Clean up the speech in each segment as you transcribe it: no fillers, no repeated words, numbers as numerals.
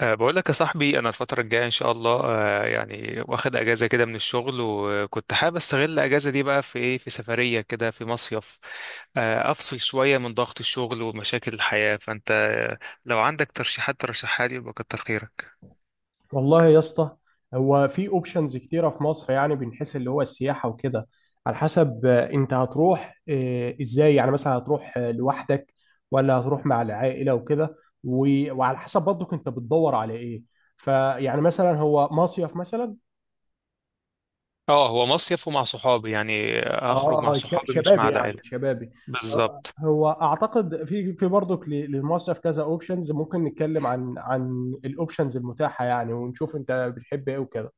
بقول لك يا صاحبي، انا الفتره الجايه ان شاء الله يعني واخد اجازه كده من الشغل، وكنت حابب استغل الاجازه دي بقى في ايه، في سفريه كده في مصيف. افصل شويه من ضغط الشغل ومشاكل الحياه. فانت لو عندك ترشيحات ترشحها لي يبقى كتر خيرك. والله يا اسطى. هو في اوبشنز كتيره في مصر، يعني بنحس اللي هو السياحه وكده. على حسب انت هتروح ازاي، يعني مثلا هتروح لوحدك ولا هتروح مع العائله وكده. وعلى حسب برضك انت بتدور على ايه. فيعني مثلا هو مصيف مثلا. اه، هو مصيف ومع صحابي، يعني هخرج مع اه صحابي مش مع شبابي، يعني العائله. شبابي. بالظبط. هو اعتقد في برضك للمصيف كذا اوبشنز. ممكن نتكلم عن الاوبشنز المتاحه يعني، ونشوف انت بتحب ايه وكده.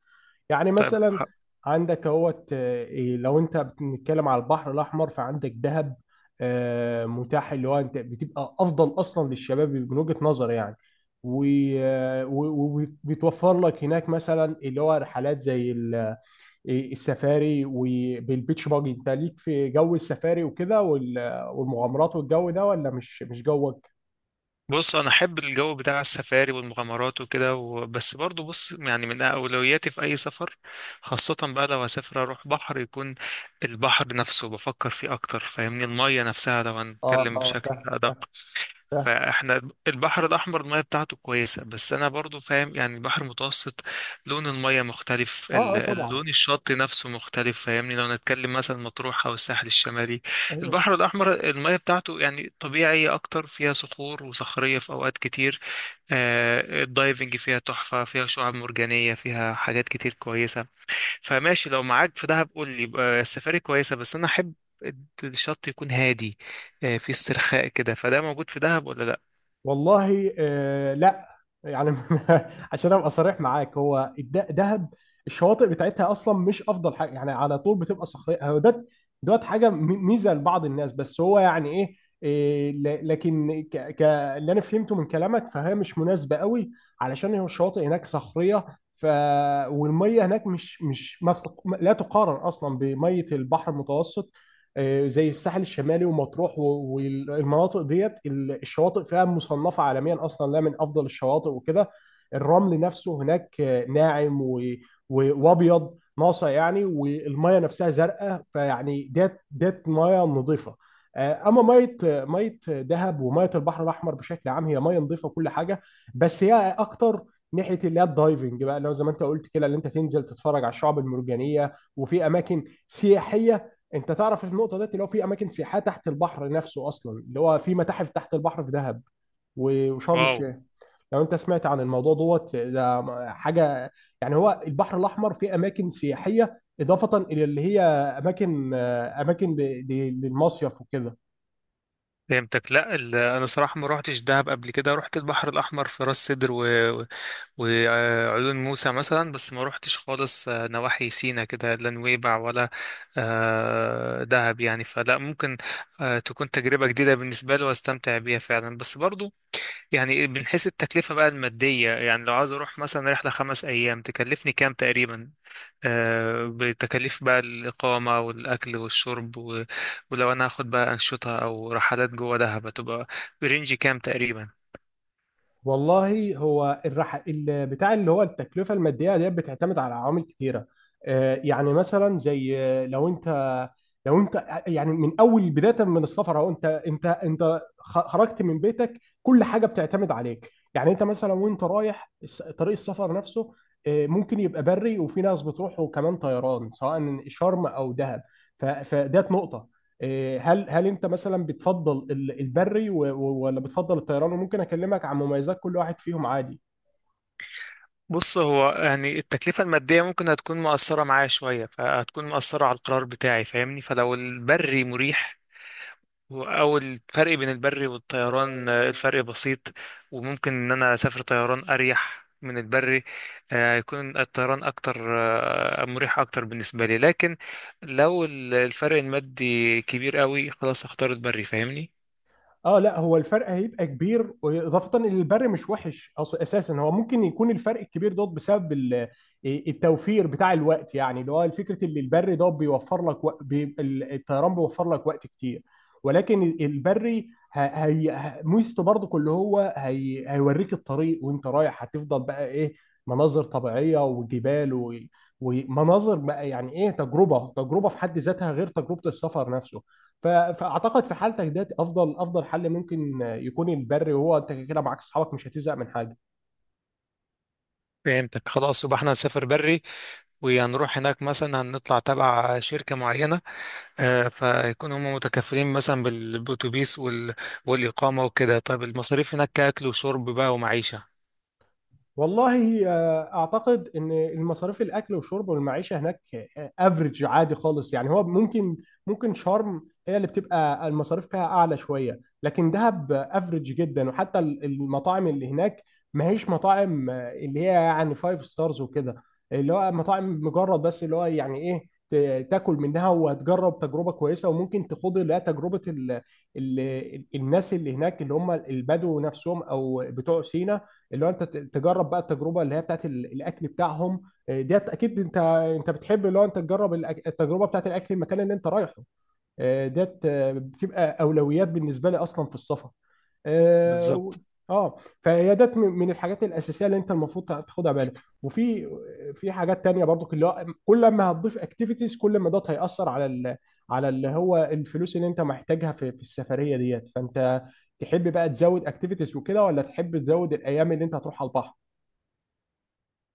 يعني طيب. مثلا عندك اهوت آه، إيه، لو انت بنتكلم على البحر الاحمر فعندك دهب. متاح اللي هو انت بتبقى افضل اصلا للشباب من وجهة نظر يعني. و- آه، و- وبيتوفر لك هناك مثلا اللي هو رحلات زي السفاري، وبالبيتش باجي انت ليك في جو السفاري وكده، والمغامرات والجو ده، ولا مش جوك؟ بص، انا احب الجو بتاع السفاري والمغامرات وكده، بس برضو بص، يعني من اولوياتي في اي سفر، خاصة بقى لو هسافر اروح بحر، يكون البحر نفسه بفكر فيه اكتر، فاهمني، المية نفسها لو اه هنتكلم اه بشكل فاهم ادق. فاهم. فاحنا البحر الاحمر الميه بتاعته كويسه، بس انا برضو فاهم يعني البحر المتوسط لون الميه مختلف، اه اه طبعا. اللون الشط نفسه مختلف، فاهمني لو نتكلم مثلا مطروح او الساحل الشمالي. البحر الاحمر الميه بتاعته يعني طبيعيه اكتر، فيها صخور وصخريه في اوقات كتير. الدايفنج فيها تحفة، فيها شعاب مرجانية، فيها حاجات كتير كويسة. فماشي لو معاك في دهب قول لي يبقى السفاري كويسة، بس أنا أحب الشط يكون هادي، في استرخاء كده. فده موجود في دهب ولا لأ؟ والله آه لا، يعني عشان ابقى صريح معاك، هو دهب الشواطئ بتاعتها اصلا مش افضل حاجه، يعني على طول بتبقى صخريه. هو ده دوت حاجه ميزه لبعض الناس، بس هو يعني ايه، لكن اللي انا فهمته من كلامك فهي مش مناسبه قوي، علشان هو الشواطئ هناك صخريه. ف والميه هناك مش مش ما تق- لا تقارن اصلا بميه البحر المتوسط. زي الساحل الشمالي ومطروح، والمناطق ديت الشواطئ فيها مصنفة عالميا أصلا، لا من أفضل الشواطئ وكده. الرمل نفسه هناك ناعم، وأبيض ناصع يعني، والمية نفسها زرقاء، فيعني ديت مية نظيفة. اما ميه دهب وميه البحر الاحمر بشكل عام هي ميه نظيفه كل حاجه. بس هي اكتر ناحيه اللي هي الدايفنج بقى، لو زي ما انت قلت كده اللي انت تنزل تتفرج على الشعاب المرجانيه، وفي اماكن سياحيه. انت تعرف النقطه ديت، اللي هو في اماكن سياحيه تحت البحر نفسه اصلا، اللي هو في متاحف تحت البحر في دهب وشرم واو. الشيخ. لو انت سمعت عن الموضوع دوت ده حاجه يعني. هو البحر الاحمر فيه اماكن سياحيه اضافه الى اللي هي اماكن للمصيف وكده. فهمتك. لا، انا صراحه ما روحتش دهب قبل كده، روحت البحر الاحمر في راس سدر و... وعيون موسى مثلا، بس ما روحتش خالص نواحي سينا كده، لا نويبع ولا دهب يعني. فلا، ممكن تكون تجربة جديدة بالنسبة لي واستمتع بيها فعلا. بس برضو، يعني بنحس التكلفة بقى المادية، يعني لو عايز اروح مثلا رحلة 5 ايام تكلفني كام تقريبا، بتكاليف بقى الإقامة والأكل والشرب، ولو أنا هاخد بقى أنشطة أو رحلات جوه دهب هتبقى برينج كام تقريبا؟ والله، هو بتاع اللي هو التكلفة المادية ديت بتعتمد على عوامل كتيرة. يعني مثلا زي لو انت يعني من اول بداية من السفر، اهو انت خرجت من بيتك كل حاجة بتعتمد عليك. يعني انت مثلا وانت رايح طريق السفر نفسه، ممكن يبقى بري، وفي ناس بتروح وكمان طيران سواء شرم او دهب. فديت نقطة. إيه، هل هل انت مثلا بتفضل البري، ولا بتفضل الطيران، وممكن اكلمك عن مميزات كل واحد فيهم عادي. بص، هو يعني التكلفة المادية ممكن هتكون مؤثرة معايا شوية، فهتكون مؤثرة على القرار بتاعي، فاهمني، فلو البري مريح، أو الفرق بين البري والطيران الفرق بسيط، وممكن إن أنا أسافر طيران أريح من البري، يكون الطيران أكتر مريح أكتر بالنسبة لي. لكن لو الفرق المادي كبير قوي، خلاص أختار البري، فاهمني. اه لا، هو الفرق هيبقى كبير، اضافه ان البر مش وحش اصلا اساسا. هو ممكن يكون الفرق الكبير ده بسبب ال- إيه، التوفير بتاع الوقت، يعني اللي هو فكره ان البر ده بيوفر لك الطيران بيوفر لك وقت كتير. ولكن البري ميزته برضك اللي هو هي هيوريك الطريق، وانت رايح هتفضل بقى ايه، مناظر طبيعيه وجبال، ومناظر بقى، يعني ايه، تجربه في حد ذاتها غير تجربه السفر نفسه. فاعتقد في حالتك ده افضل حل ممكن يكون البر، وهو انت كده معاك اصحابك مش هتزهق من حاجه. فهمتك. خلاص، يبقى احنا هنسافر بري، وهنروح هناك مثلا هنطلع تبع شركة معينة، فيكون هم متكفلين مثلا بالأتوبيس وال... والإقامة وكده. طيب المصاريف هناك كأكل وشرب بقى ومعيشة؟ والله اعتقد ان المصاريف، الاكل والشرب والمعيشه هناك، افريج عادي خالص يعني. هو ممكن، ممكن شرم هي اللي بتبقى المصاريف فيها اعلى شويه، لكن دهب افريج جدا. وحتى المطاعم اللي هناك ما هيش مطاعم اللي هي يعني فايف ستارز وكده، اللي هو مطاعم مجرد بس، اللي هو يعني ايه، تاكل منها وهتجرب تجربه كويسه. وممكن تخوض لا تجربه ال ال الناس اللي هناك اللي هم البدو نفسهم او بتوع سينا، اللي هو انت تجرب بقى التجربه اللي هي بتاعت الاكل بتاعهم. ديت اكيد انت انت بتحب اللي هو انت تجرب التجربه بتاعت الاكل المكان اللي انت رايحه. ديت بتبقى اولويات بالنسبه لي اصلا في السفر. اه بالظبط. آه، فهي ده من من الحاجات الاساسيه اللي انت المفروض تاخدها بالك. وفي في حاجات تانية برضو، اللي هو كل ما هتضيف اكتيفيتيز كل ما ده هيأثر على ال على اللي هو الفلوس اللي انت محتاجها في في السفريه ديت. فانت تحب بقى تزود اكتيفيتيز وكده، ولا تحب تزود الايام اللي انت هتروح على البحر.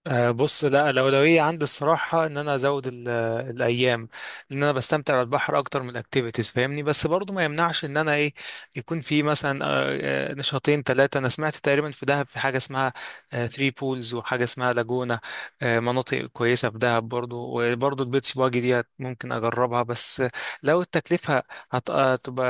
أه بص، لا، الأولوية عندي الصراحة إن أنا أزود الأيام، لأن أنا بستمتع بالبحر أكتر من الأكتيفيتيز، فاهمني. بس برضو ما يمنعش إن أنا إيه، يكون في مثلا نشاطين ثلاثة. أنا سمعت تقريبا في دهب في حاجة اسمها ثري بولز، وحاجة اسمها لاجونة، مناطق كويسة في دهب برضو، وبرضو البيتش باجي دي ممكن أجربها. بس لو التكلفة هتبقى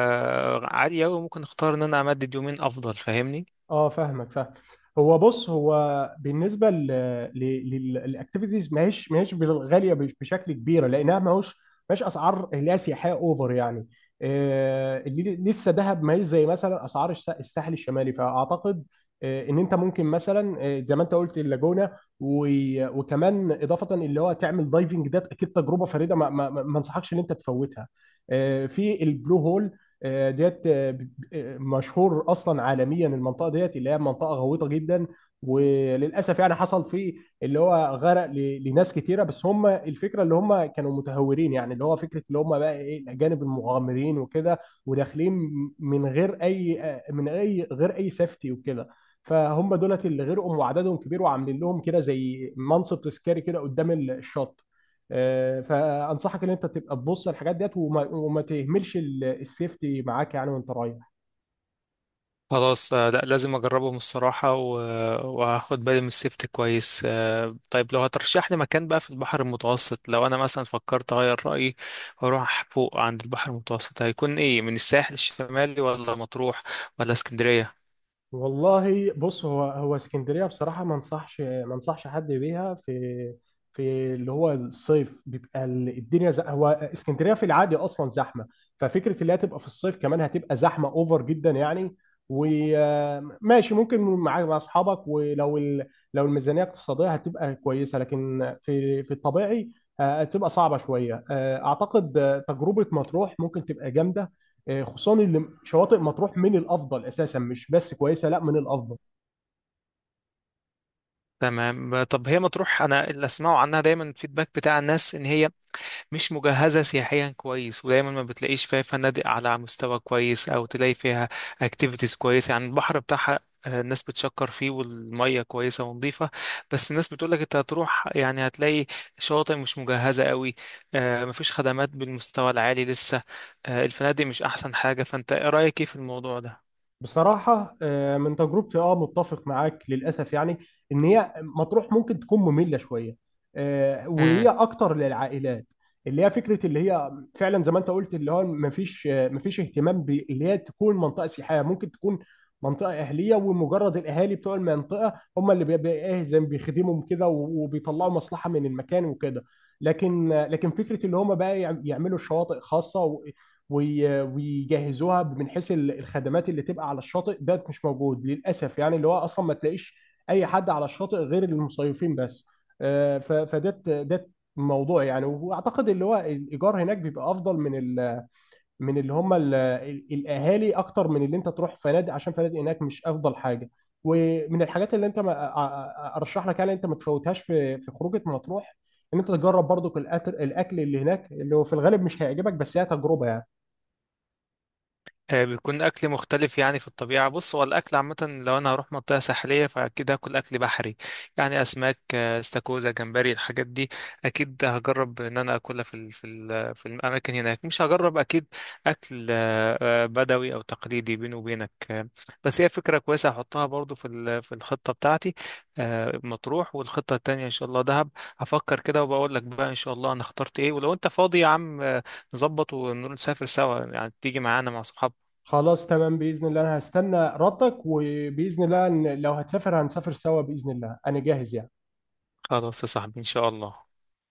عالية أوي، ممكن أختار إن أنا أمدد يومين أفضل، فاهمني. اه فاهمك فاهم. هو بص، هو بالنسبه للاكتيفيتيز ماهيش غاليه بشكل كبير، لانها ماهيش اسعار اللي هي سياحيه اوفر يعني. اللي لسه دهب ماهيش زي مثلا اسعار الساحل الشمالي. فاعتقد ان انت ممكن مثلا، زي ما انت قلت، اللاجونه، وكمان اضافه اللي هو تعمل دايفنج، ده اكيد تجربه فريده ما انصحكش ان انت تفوتها، في البلو هول. ديت مشهور اصلا عالميا، المنطقه ديت اللي هي منطقه غويطه جدا. وللاسف يعني حصل فيه اللي هو غرق لناس كتيره. بس هم الفكره اللي هم كانوا متهورين، يعني اللي هو فكره اللي هم بقى ايه، الاجانب المغامرين وكده، وداخلين من غير اي آه، من اي غير اي سيفتي وكده. فهم دولت اللي غرقوا، وعددهم كبير، وعاملين لهم كده زي منصب تذكاري كده قدام الشط. فانصحك ان انت تبقى تبص على الحاجات ديت، وما تهملش السيفتي معاك يعني وانت رايح. خلاص لا، لازم اجربهم الصراحة، و... وهاخد بالي من السيفتي كويس. طيب لو هترشح لي مكان بقى في البحر المتوسط، لو انا مثلا فكرت اغير رأيي واروح فوق عند البحر المتوسط، هيكون ايه؟ من الساحل الشمالي ولا مطروح ولا اسكندرية؟ والله بص، هو اسكندريه بصراحه ما انصحش حد بيها في في اللي هو الصيف. بيبقى الدنيا هو اسكندريه في العادي اصلا زحمه، ففكره اللي هي تبقى في الصيف كمان هتبقى زحمه اوفر جدا يعني. وماشي، ممكن مع اصحابك ولو لو الميزانيه اقتصاديه هتبقى كويسه، لكن في في الطبيعي هتبقى صعبه شويه. اعتقد تجربه مطروح ممكن تبقى جامده. خصوصا اللي شواطئ مطروح من الافضل، اساسا مش بس كويسه، لا من الافضل. تمام. طب هي مطروح انا اللي اسمعه عنها دايما الفيدباك بتاع الناس ان هي مش مجهزة سياحيا كويس، ودايما ما بتلاقيش فيها فنادق على مستوى كويس، أو تلاقي فيها اكتيفيتيز كويسة، يعني البحر بتاعها الناس بتشكر فيه والمية كويسة ونظيفة، بس الناس بتقولك انت هتروح يعني هتلاقي شواطئ مش مجهزة قوي، مفيش خدمات بالمستوى العالي لسه، الفنادق مش أحسن حاجة. فانت ايه رأيك ايه في الموضوع ده؟ بصراحة من تجربتي اه متفق معاك للأسف يعني، إن هي مطروح ممكن تكون مملة شوية. وهي أكتر للعائلات، اللي هي فكرة اللي هي فعلا زي ما أنت قلت، اللي هو مفيش مفيش اهتمام اللي هي تكون منطقة سياحية. ممكن تكون منطقة أهلية، ومجرد الأهالي بتوع المنطقة هم اللي بيبقى إيه زي ما بيخدمهم كده وبيطلعوا مصلحة من المكان وكده. لكن فكرة اللي هم بقى يعملوا شواطئ خاصة ويجهزوها من حيث الخدمات اللي تبقى على الشاطئ، ده مش موجود للاسف. يعني اللي هو اصلا ما تلاقيش اي حد على الشاطئ غير المصيفين بس. فده ده الموضوع يعني. واعتقد اللي هو الايجار هناك بيبقى افضل من ال من اللي هم الاهالي، اكتر من اللي انت تروح فنادق، عشان فنادق هناك مش افضل حاجه. ومن الحاجات اللي انت ما أ- أ- ارشح لك يعني انت ما تفوتهاش في في خروجه مطروح، ان انت تجرب برضو الأكل اللي هناك، اللي هو في الغالب مش هيعجبك، بس هي تجربه يعني. بيكون اكل مختلف يعني في الطبيعه. بص، هو الاكل عامه لو انا هروح منطقه ساحليه فاكيد هاكل اكل بحري، يعني اسماك استاكوزا جمبري الحاجات دي اكيد هجرب ان انا اكلها في الاماكن هناك. مش هجرب اكيد اكل بدوي او تقليدي بيني وبينك. بس هي فكره كويسه هحطها برضو في الخطه بتاعتي. مطروح، والخطه التانية ان شاء الله دهب. هفكر كده وبقول لك بقى ان شاء الله انا اخترت ايه. ولو انت فاضي يا عم، نظبط ونسافر سوا، يعني تيجي معانا مع صحابك. خلاص تمام، بإذن الله أنا هستنى ردك، وبإذن الله إن لو هتسافر هنسافر سوا. بإذن الله أنا جاهز يعني. خلاص يا صاحبي، إن شاء الله.